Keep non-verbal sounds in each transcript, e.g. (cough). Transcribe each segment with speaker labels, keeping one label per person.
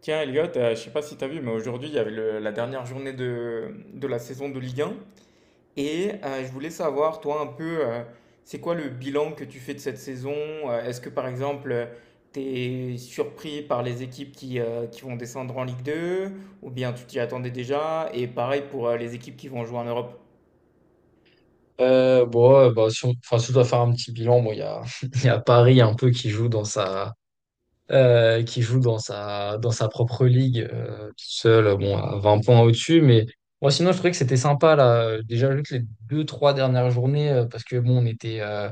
Speaker 1: Tiens, Elliot, je sais pas si tu as vu, mais aujourd'hui, il y avait la dernière journée de la saison de Ligue 1. Je voulais savoir, toi, un peu, c'est quoi le bilan que tu fais de cette saison? Est-ce que, par exemple, tu es surpris par les équipes qui vont descendre en Ligue 2? Ou bien tu t'y attendais déjà? Et pareil pour les équipes qui vont jouer en Europe.
Speaker 2: Si on, si on doit faire un petit bilan, bon, il y a, (laughs) il y a Paris un peu qui joue dans qui joue dans dans sa propre ligue, tout seul, bon, à 20 points au-dessus. Mais moi, sinon, je trouvais que c'était sympa, là. Déjà, juste les deux, trois dernières journées, parce que, bon, on était,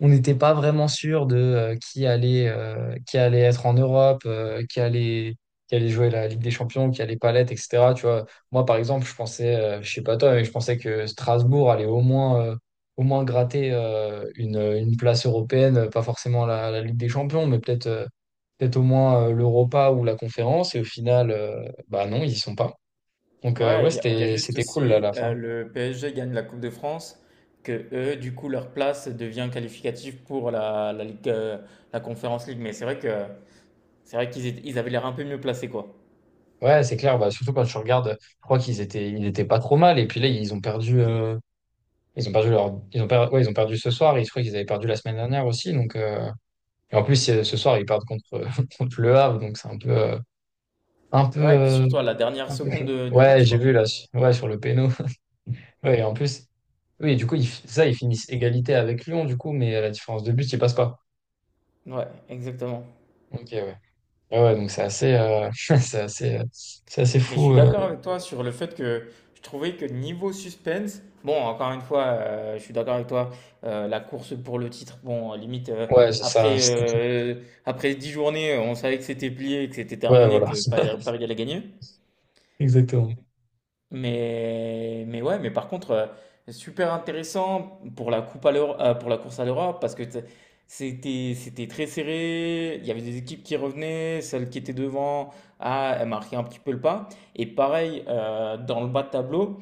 Speaker 2: on n'était pas vraiment sûr de qui allait être en Europe, qui allait jouer la Ligue des Champions, qui allait pas l'être, etc. Tu vois, moi, par exemple, je pensais, je sais pas toi, mais je pensais que Strasbourg allait au moins gratter une place européenne, pas forcément la Ligue des Champions, mais peut-être au moins l'Europa ou la Conférence. Et au final, bah non, ils y sont pas. Donc,
Speaker 1: Ouais,
Speaker 2: ouais,
Speaker 1: il y a juste
Speaker 2: c'était cool là, à
Speaker 1: aussi
Speaker 2: la fin.
Speaker 1: le PSG gagne la Coupe de France, que eux, du coup, leur place devient qualificative pour la Ligue, la Conférence Ligue. C'est vrai ils avaient l'air un peu mieux placés, quoi.
Speaker 2: Ouais, c'est clair. Bah, surtout quand tu regardes, je crois ils étaient pas trop mal. Et puis là, ils ont ils ont perdu ouais, ils ont perdu ce soir. Et je crois qu'ils avaient perdu la semaine dernière aussi. Donc, et en plus, ce soir, ils perdent (laughs) contre le Havre. Donc, c'est un peu, un peu,
Speaker 1: Ouais, et puis
Speaker 2: euh,
Speaker 1: surtout à la dernière
Speaker 2: un peu
Speaker 1: seconde
Speaker 2: chaud.
Speaker 1: du
Speaker 2: Ouais,
Speaker 1: match,
Speaker 2: j'ai
Speaker 1: quoi.
Speaker 2: vu là, ouais, sur le péno. (laughs) Ouais, et en plus, oui, du coup, ils finissent égalité avec Lyon, du coup, mais à la différence de but, ils passent pas.
Speaker 1: Ouais, exactement.
Speaker 2: Ok, ouais. Ouais, ouais, donc c'est assez, (laughs) c'est assez, euh, c'est assez
Speaker 1: Mais je
Speaker 2: fou.
Speaker 1: suis d'accord avec toi sur le fait que je trouvais que niveau suspense, bon, encore une fois, je suis d'accord avec toi, la course pour le titre, bon, limite,
Speaker 2: Ouais, c'est ça.
Speaker 1: après, euh, après 10 journées, on savait que c'était plié, que c'était
Speaker 2: Ouais,
Speaker 1: terminé,
Speaker 2: voilà.
Speaker 1: que Paris
Speaker 2: (laughs)
Speaker 1: Paris allait gagner.
Speaker 2: Exactement.
Speaker 1: Mais ouais, mais par contre, super intéressant pour la coupe à pour la course à l'Europe parce que c'était, c'était très serré. Il y avait des équipes qui revenaient, celle qui était devant, ah, elle marquait un petit peu le pas. Et pareil, dans le bas de tableau,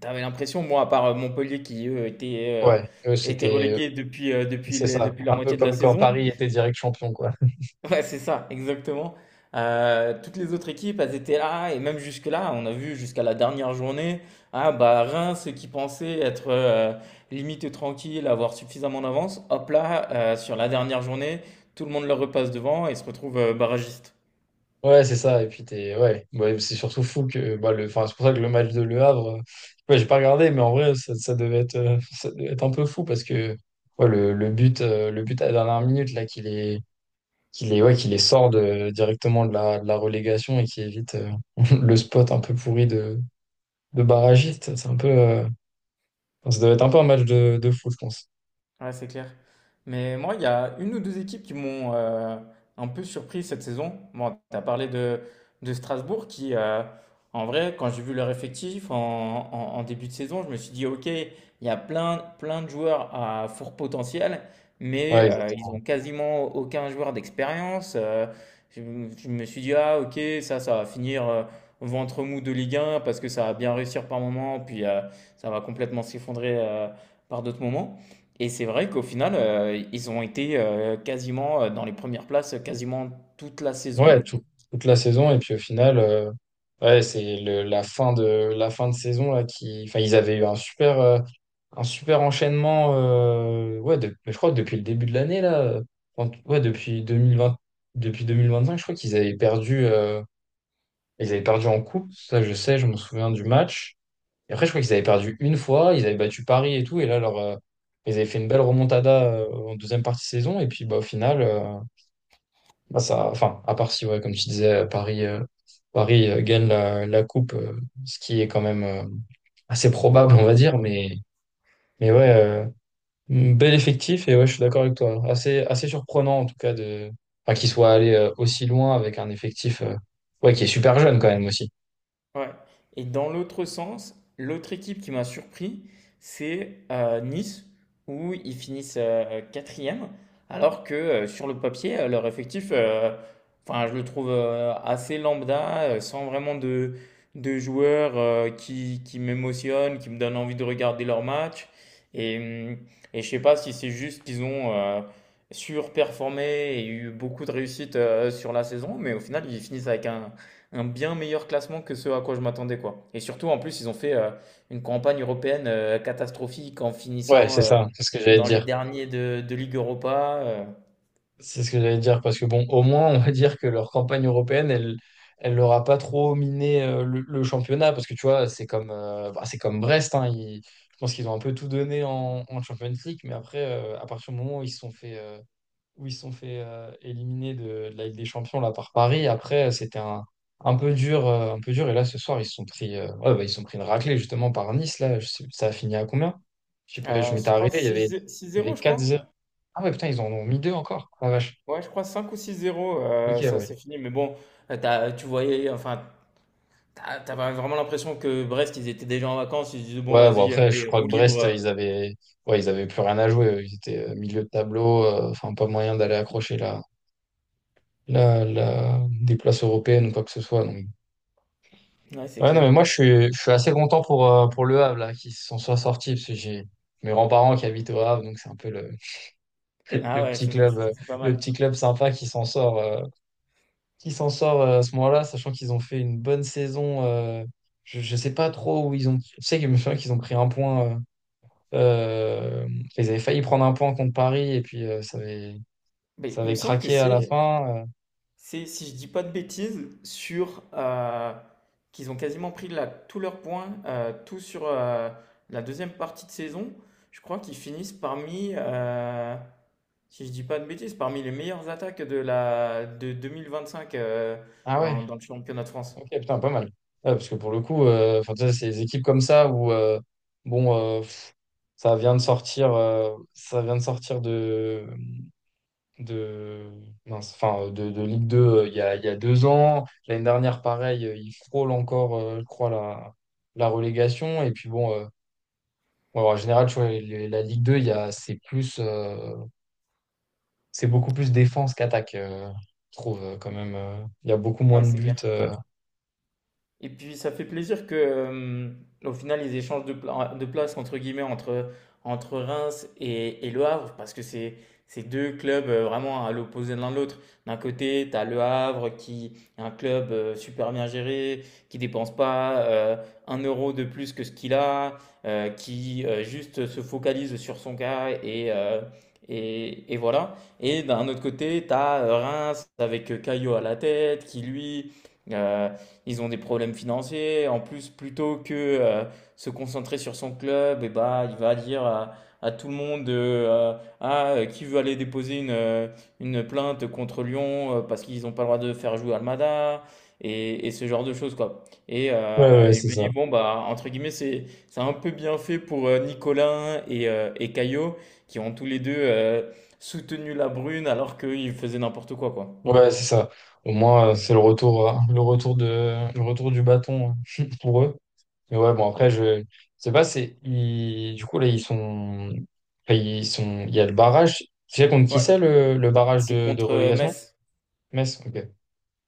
Speaker 1: t'avais l'impression, moi, à part Montpellier qui, eux,
Speaker 2: Ouais, eux,
Speaker 1: était relégué depuis,
Speaker 2: c'est ça,
Speaker 1: depuis la
Speaker 2: un peu
Speaker 1: moitié de la
Speaker 2: comme quand
Speaker 1: saison,
Speaker 2: Paris était direct champion, quoi.
Speaker 1: (laughs) Ouais, c'est ça, exactement. Toutes les autres équipes, elles étaient là, et même jusque-là, on a vu jusqu'à la dernière journée, ah bah Reims qui pensait être limite tranquille, avoir suffisamment d'avance, hop là, sur la dernière journée, tout le monde leur repasse devant et se retrouve barragiste.
Speaker 2: Ouais, c'est ça, et puis ouais, c'est surtout fou que, bah, c'est pour ça que le match de Le Havre, ouais, j'ai pas regardé, mais en vrai, ça devait être un peu fou parce que, ouais, le but à la dernière minute, là, ouais, qui les sort de, directement de de la relégation et qui évite, (laughs) le spot un peu pourri de barragiste, c'est un peu, enfin, ça devait être un peu un match de fou, je pense.
Speaker 1: Ouais, c'est clair. Mais moi, il y a une ou deux équipes qui m'ont un peu surpris cette saison. Bon, tu as parlé de Strasbourg en vrai, quand j'ai vu leur effectif en début de saison, je me suis dit, OK, il y a plein de joueurs à fort potentiel, mais
Speaker 2: Ouais,
Speaker 1: ils ont quasiment aucun joueur d'expérience. Je, je me suis dit, ah, OK, ça va finir ventre mou de Ligue 1 parce que ça va bien réussir par moment, puis ça va complètement s'effondrer par d'autres moments. Et c'est vrai qu'au final, ils ont été quasiment dans les premières places quasiment toute la saison.
Speaker 2: Ouais, toute la saison. Et puis au final, ouais, la fin de saison là, qui, enfin, ils avaient eu un super enchaînement. Ouais, je crois que depuis le début de l'année, là, ouais, depuis 2020, depuis cinq je crois qu'ils avaient ils avaient perdu en coupe. Ça, je sais, je me souviens du match. Et après, je crois qu'ils avaient perdu une fois. Ils avaient battu Paris et tout. Et là, ils avaient fait une belle remontada, en deuxième partie de saison. Et puis, bah, au final. Bah, enfin, à part si, ouais, comme tu disais, Paris gagne la coupe, ce qui est quand même assez probable, on va dire. Mais ouais, bel effectif. Et ouais, je suis d'accord avec toi. Assez surprenant, en tout cas, de, enfin, qu'il soit allé aussi loin avec un effectif ouais, qui est super jeune quand même aussi.
Speaker 1: Ouais. Et dans l'autre sens, l'autre équipe qui m'a surpris, c'est Nice, où ils finissent quatrième, alors que sur le papier, leur effectif, enfin, je le trouve assez lambda, sans vraiment de joueurs qui m'émotionnent, qui me donnent envie de regarder leur match. Et, hum, et je sais pas si c'est juste qu'ils ont surperformé et eu beaucoup de réussite sur la saison, mais au final, ils finissent avec un bien meilleur classement que ce à quoi je m'attendais, quoi. Et surtout, en plus, ils ont fait une campagne européenne catastrophique en
Speaker 2: Ouais,
Speaker 1: finissant
Speaker 2: c'est ça, c'est ce que j'allais te
Speaker 1: dans les
Speaker 2: dire.
Speaker 1: derniers de Ligue Europa.
Speaker 2: C'est ce que j'allais dire, parce que bon, au moins, on va dire que leur campagne européenne, elle leur a pas trop miné le championnat, parce que tu vois, c'est comme, c'est comme Brest, hein, je pense qu'ils ont un peu tout donné en Champions League, mais après, à partir du moment où ils se sont où ils se sont fait éliminer de la Ligue des Champions là, par Paris, après, c'était un peu dur, et là, ce soir, ils se sont ouais, bah, ils se sont pris une raclée, justement, par Nice, là, ça a fini à combien? Je sais pas, je
Speaker 1: À,
Speaker 2: m'étais
Speaker 1: je crois
Speaker 2: arrêté,
Speaker 1: six 0 6
Speaker 2: il y avait
Speaker 1: je
Speaker 2: quatre
Speaker 1: crois.
Speaker 2: 0 Ah ouais, putain, ils en ont mis deux encore, la vache.
Speaker 1: Ouais, je crois 5 ou six zéro
Speaker 2: Ok,
Speaker 1: ça
Speaker 2: ouais.
Speaker 1: c'est fini. Mais bon, tu voyais, enfin, t'avais vraiment l'impression que Brest, ils étaient déjà en vacances. Ils se disaient, bon,
Speaker 2: Ouais, bon,
Speaker 1: vas-y,
Speaker 2: après, je
Speaker 1: allez,
Speaker 2: crois
Speaker 1: roue
Speaker 2: que
Speaker 1: libre.
Speaker 2: ouais, ils avaient plus rien à jouer. Ils étaient milieu de tableau, enfin, pas moyen d'aller accrocher des places européennes ou quoi que ce soit. Donc.
Speaker 1: Ouais, c'est
Speaker 2: Ouais, non,
Speaker 1: clair.
Speaker 2: mais moi, je suis assez content pour Le Havre, là, qui se sont soit sortis, parce que j'ai mes grands-parents qui habitent au Havre, donc c'est un peu le, (laughs)
Speaker 1: Ah
Speaker 2: le
Speaker 1: ouais,
Speaker 2: petit club, euh,
Speaker 1: c'est pas
Speaker 2: le
Speaker 1: mal.
Speaker 2: petit club sympa qui s'en sort à ce moment-là, sachant qu'ils ont fait une bonne saison. Je sais pas trop où ils ont, je sais que je me souviens qu'ils ont pris un point. Euh, ils avaient failli prendre un point contre Paris et puis
Speaker 1: Mais
Speaker 2: ça
Speaker 1: il me
Speaker 2: avait
Speaker 1: semble que
Speaker 2: craqué à la fin.
Speaker 1: c'est, si je dis pas de bêtises, sur qu'ils ont quasiment pris là, tous leurs points, tout sur la deuxième partie de saison. Je crois qu'ils finissent parmi, si je dis pas de bêtises, parmi les meilleures attaques de la de 2025
Speaker 2: Ah
Speaker 1: dans,
Speaker 2: ouais,
Speaker 1: dans le championnat de France.
Speaker 2: ok, putain, pas mal. Ouais, parce que pour le coup, enfin, tu sais, ces équipes comme ça où bon, euh, pff, ça vient de sortir, ça vient de sortir de, mince, de Ligue 2 il y a deux ans. L'année dernière, pareil, ils frôlent encore, je crois, la relégation. Et puis bon, bon, en général, tu vois, la Ligue 2 il y a, c'est plus. C'est beaucoup plus défense qu'attaque, je trouve quand même. Il y a beaucoup moins
Speaker 1: Ouais,
Speaker 2: de
Speaker 1: c'est
Speaker 2: buts.
Speaker 1: clair. Et puis ça fait plaisir que, au final, ils échangent de place entre guillemets entre Reims et Le Havre parce que c'est deux clubs vraiment à l'opposé de l'un de l'autre. D'un côté, tu as Le Havre qui est un club super bien géré, qui dépense pas un euro de plus que ce qu'il a, qui juste se focalise sur son cas et voilà. Et d'un autre côté, tu as Reims avec Caillot à la tête qui lui. euh, Ils ont des problèmes financiers. En plus, plutôt que euh, se concentrer sur son club, et bah, il va dire à tout le monde Ah, qui veut aller déposer une plainte contre Lyon parce qu'ils n'ont pas le droit de faire jouer Almada et ce genre de choses, quoi. Et,
Speaker 2: Ouais,
Speaker 1: euh,
Speaker 2: ouais,
Speaker 1: et je
Speaker 2: c'est
Speaker 1: me
Speaker 2: ça.
Speaker 1: dis, bon, bah, entre guillemets, c'est un peu bien fait pour Nicolas et Caio qui ont tous les deux soutenu la Brune alors qu'ils faisaient n'importe quoi, quoi.
Speaker 2: Ouais, c'est ça. Au moins, c'est le retour, le retour du bâton (laughs) pour eux. Mais ouais, bon, après, je sais pas, du coup, là, ils sont, il y a le barrage. Tu sais contre qui
Speaker 1: Ouais,
Speaker 2: c'est le barrage
Speaker 1: c'est
Speaker 2: de
Speaker 1: contre
Speaker 2: relégation?
Speaker 1: Metz.
Speaker 2: Metz? Ok.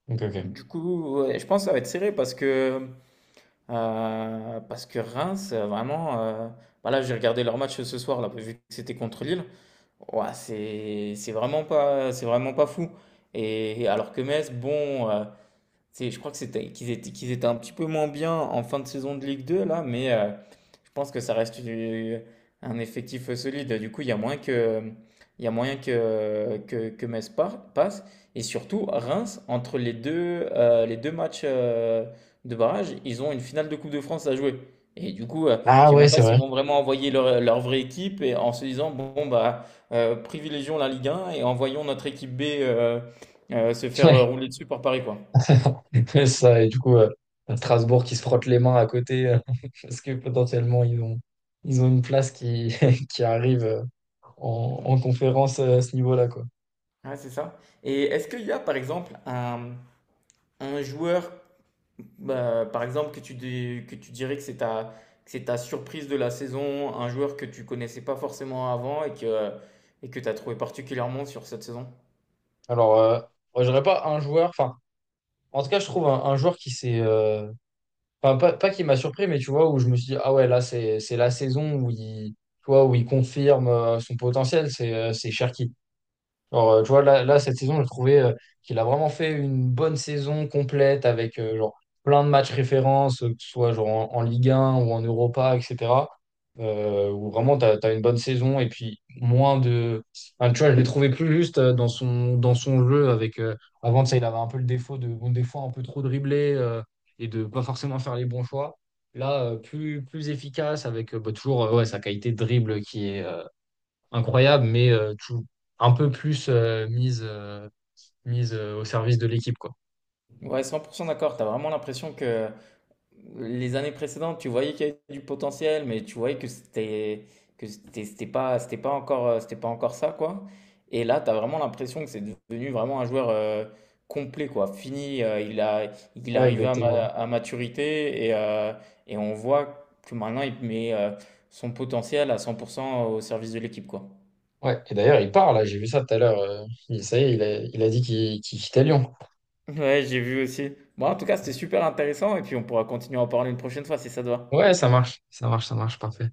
Speaker 2: Ok, ok.
Speaker 1: Du coup, ouais, je pense que ça va être serré parce que Reims, bah là, j'ai regardé leur match ce soir, là, vu que c'était contre Lille. Ouais, c'est vraiment pas fou. Et alors que Metz, bon, je crois que qu'ils étaient un petit peu moins bien en fin de saison de Ligue 2, là, mais, je pense que ça reste un effectif solide. Du coup, il y a moyen que, il y a moyen que Metz passe. Et surtout, Reims, entre les deux matchs de barrage, ils ont une finale de Coupe de France à jouer. Et du coup, je ne
Speaker 2: Ah
Speaker 1: sais
Speaker 2: ouais,
Speaker 1: même pas
Speaker 2: c'est
Speaker 1: s'ils
Speaker 2: vrai.
Speaker 1: vont vraiment envoyer leur vraie équipe et en se disant, bon, bah, privilégions la Ligue 1 et envoyons notre équipe B se faire
Speaker 2: (laughs)
Speaker 1: rouler dessus par Paris, quoi.
Speaker 2: (laughs) C'est ça, et du coup, Strasbourg qui se frotte les mains à côté, (laughs) parce que potentiellement, ils ont une place qui, (laughs) qui arrive
Speaker 1: Ouais,
Speaker 2: en conférence à ce niveau-là, quoi.
Speaker 1: Ouais, c'est ça. Et est-ce qu'il y a, par exemple, un joueur Bah, par exemple, que tu dirais que c'est ta surprise de la saison, un joueur que tu connaissais pas forcément avant et que tu as trouvé particulièrement sur cette saison.
Speaker 2: Alors, moi, j'aurais pas un joueur, enfin, en tout cas, je trouve un joueur qui s'est, enfin, pas qui m'a surpris, mais tu vois, où je me suis dit, ah ouais, là, c'est la saison où il, tu vois, où il confirme son potentiel, c'est Cherki. Genre, tu vois, là, cette saison, j'ai trouvé qu'il a vraiment fait une bonne saison complète avec genre, plein de matchs références, que ce soit genre, en Ligue 1 ou en Europa, etc. Où vraiment, tu as, une bonne saison et puis moins de. Enfin, tu vois, je l'ai trouvé plus juste dans dans son jeu. Avec, avant, ça, il avait un peu le défaut de, bon, des fois, un peu trop dribbler et de pas forcément faire les bons choix. Là, plus efficace avec toujours ouais, sa qualité de dribble qui est incroyable, un peu plus mise au service de l'équipe, quoi.
Speaker 1: Ouais, 100% d'accord. Tu as vraiment l'impression que, les années précédentes, tu voyais qu'il y avait du potentiel, mais tu voyais que c'était c'était pas encore ça quoi. Et là, tu as vraiment l'impression que c'est devenu vraiment un joueur complet quoi. Fini, il a Il est
Speaker 2: Ouais,
Speaker 1: arrivé à,
Speaker 2: exactement.
Speaker 1: à maturité et on voit que maintenant il met son potentiel à 100% au service de l'équipe quoi.
Speaker 2: Ouais. Et d'ailleurs, il part, là, j'ai vu ça tout à l'heure. Ça y est, il a dit qu'il quittait Lyon.
Speaker 1: Ouais, j'ai vu aussi. Bon, en tout cas, c'était super intéressant et puis on pourra continuer à en parler une prochaine fois si ça te va.
Speaker 2: Ouais, ça marche, ça marche, ça marche, parfait.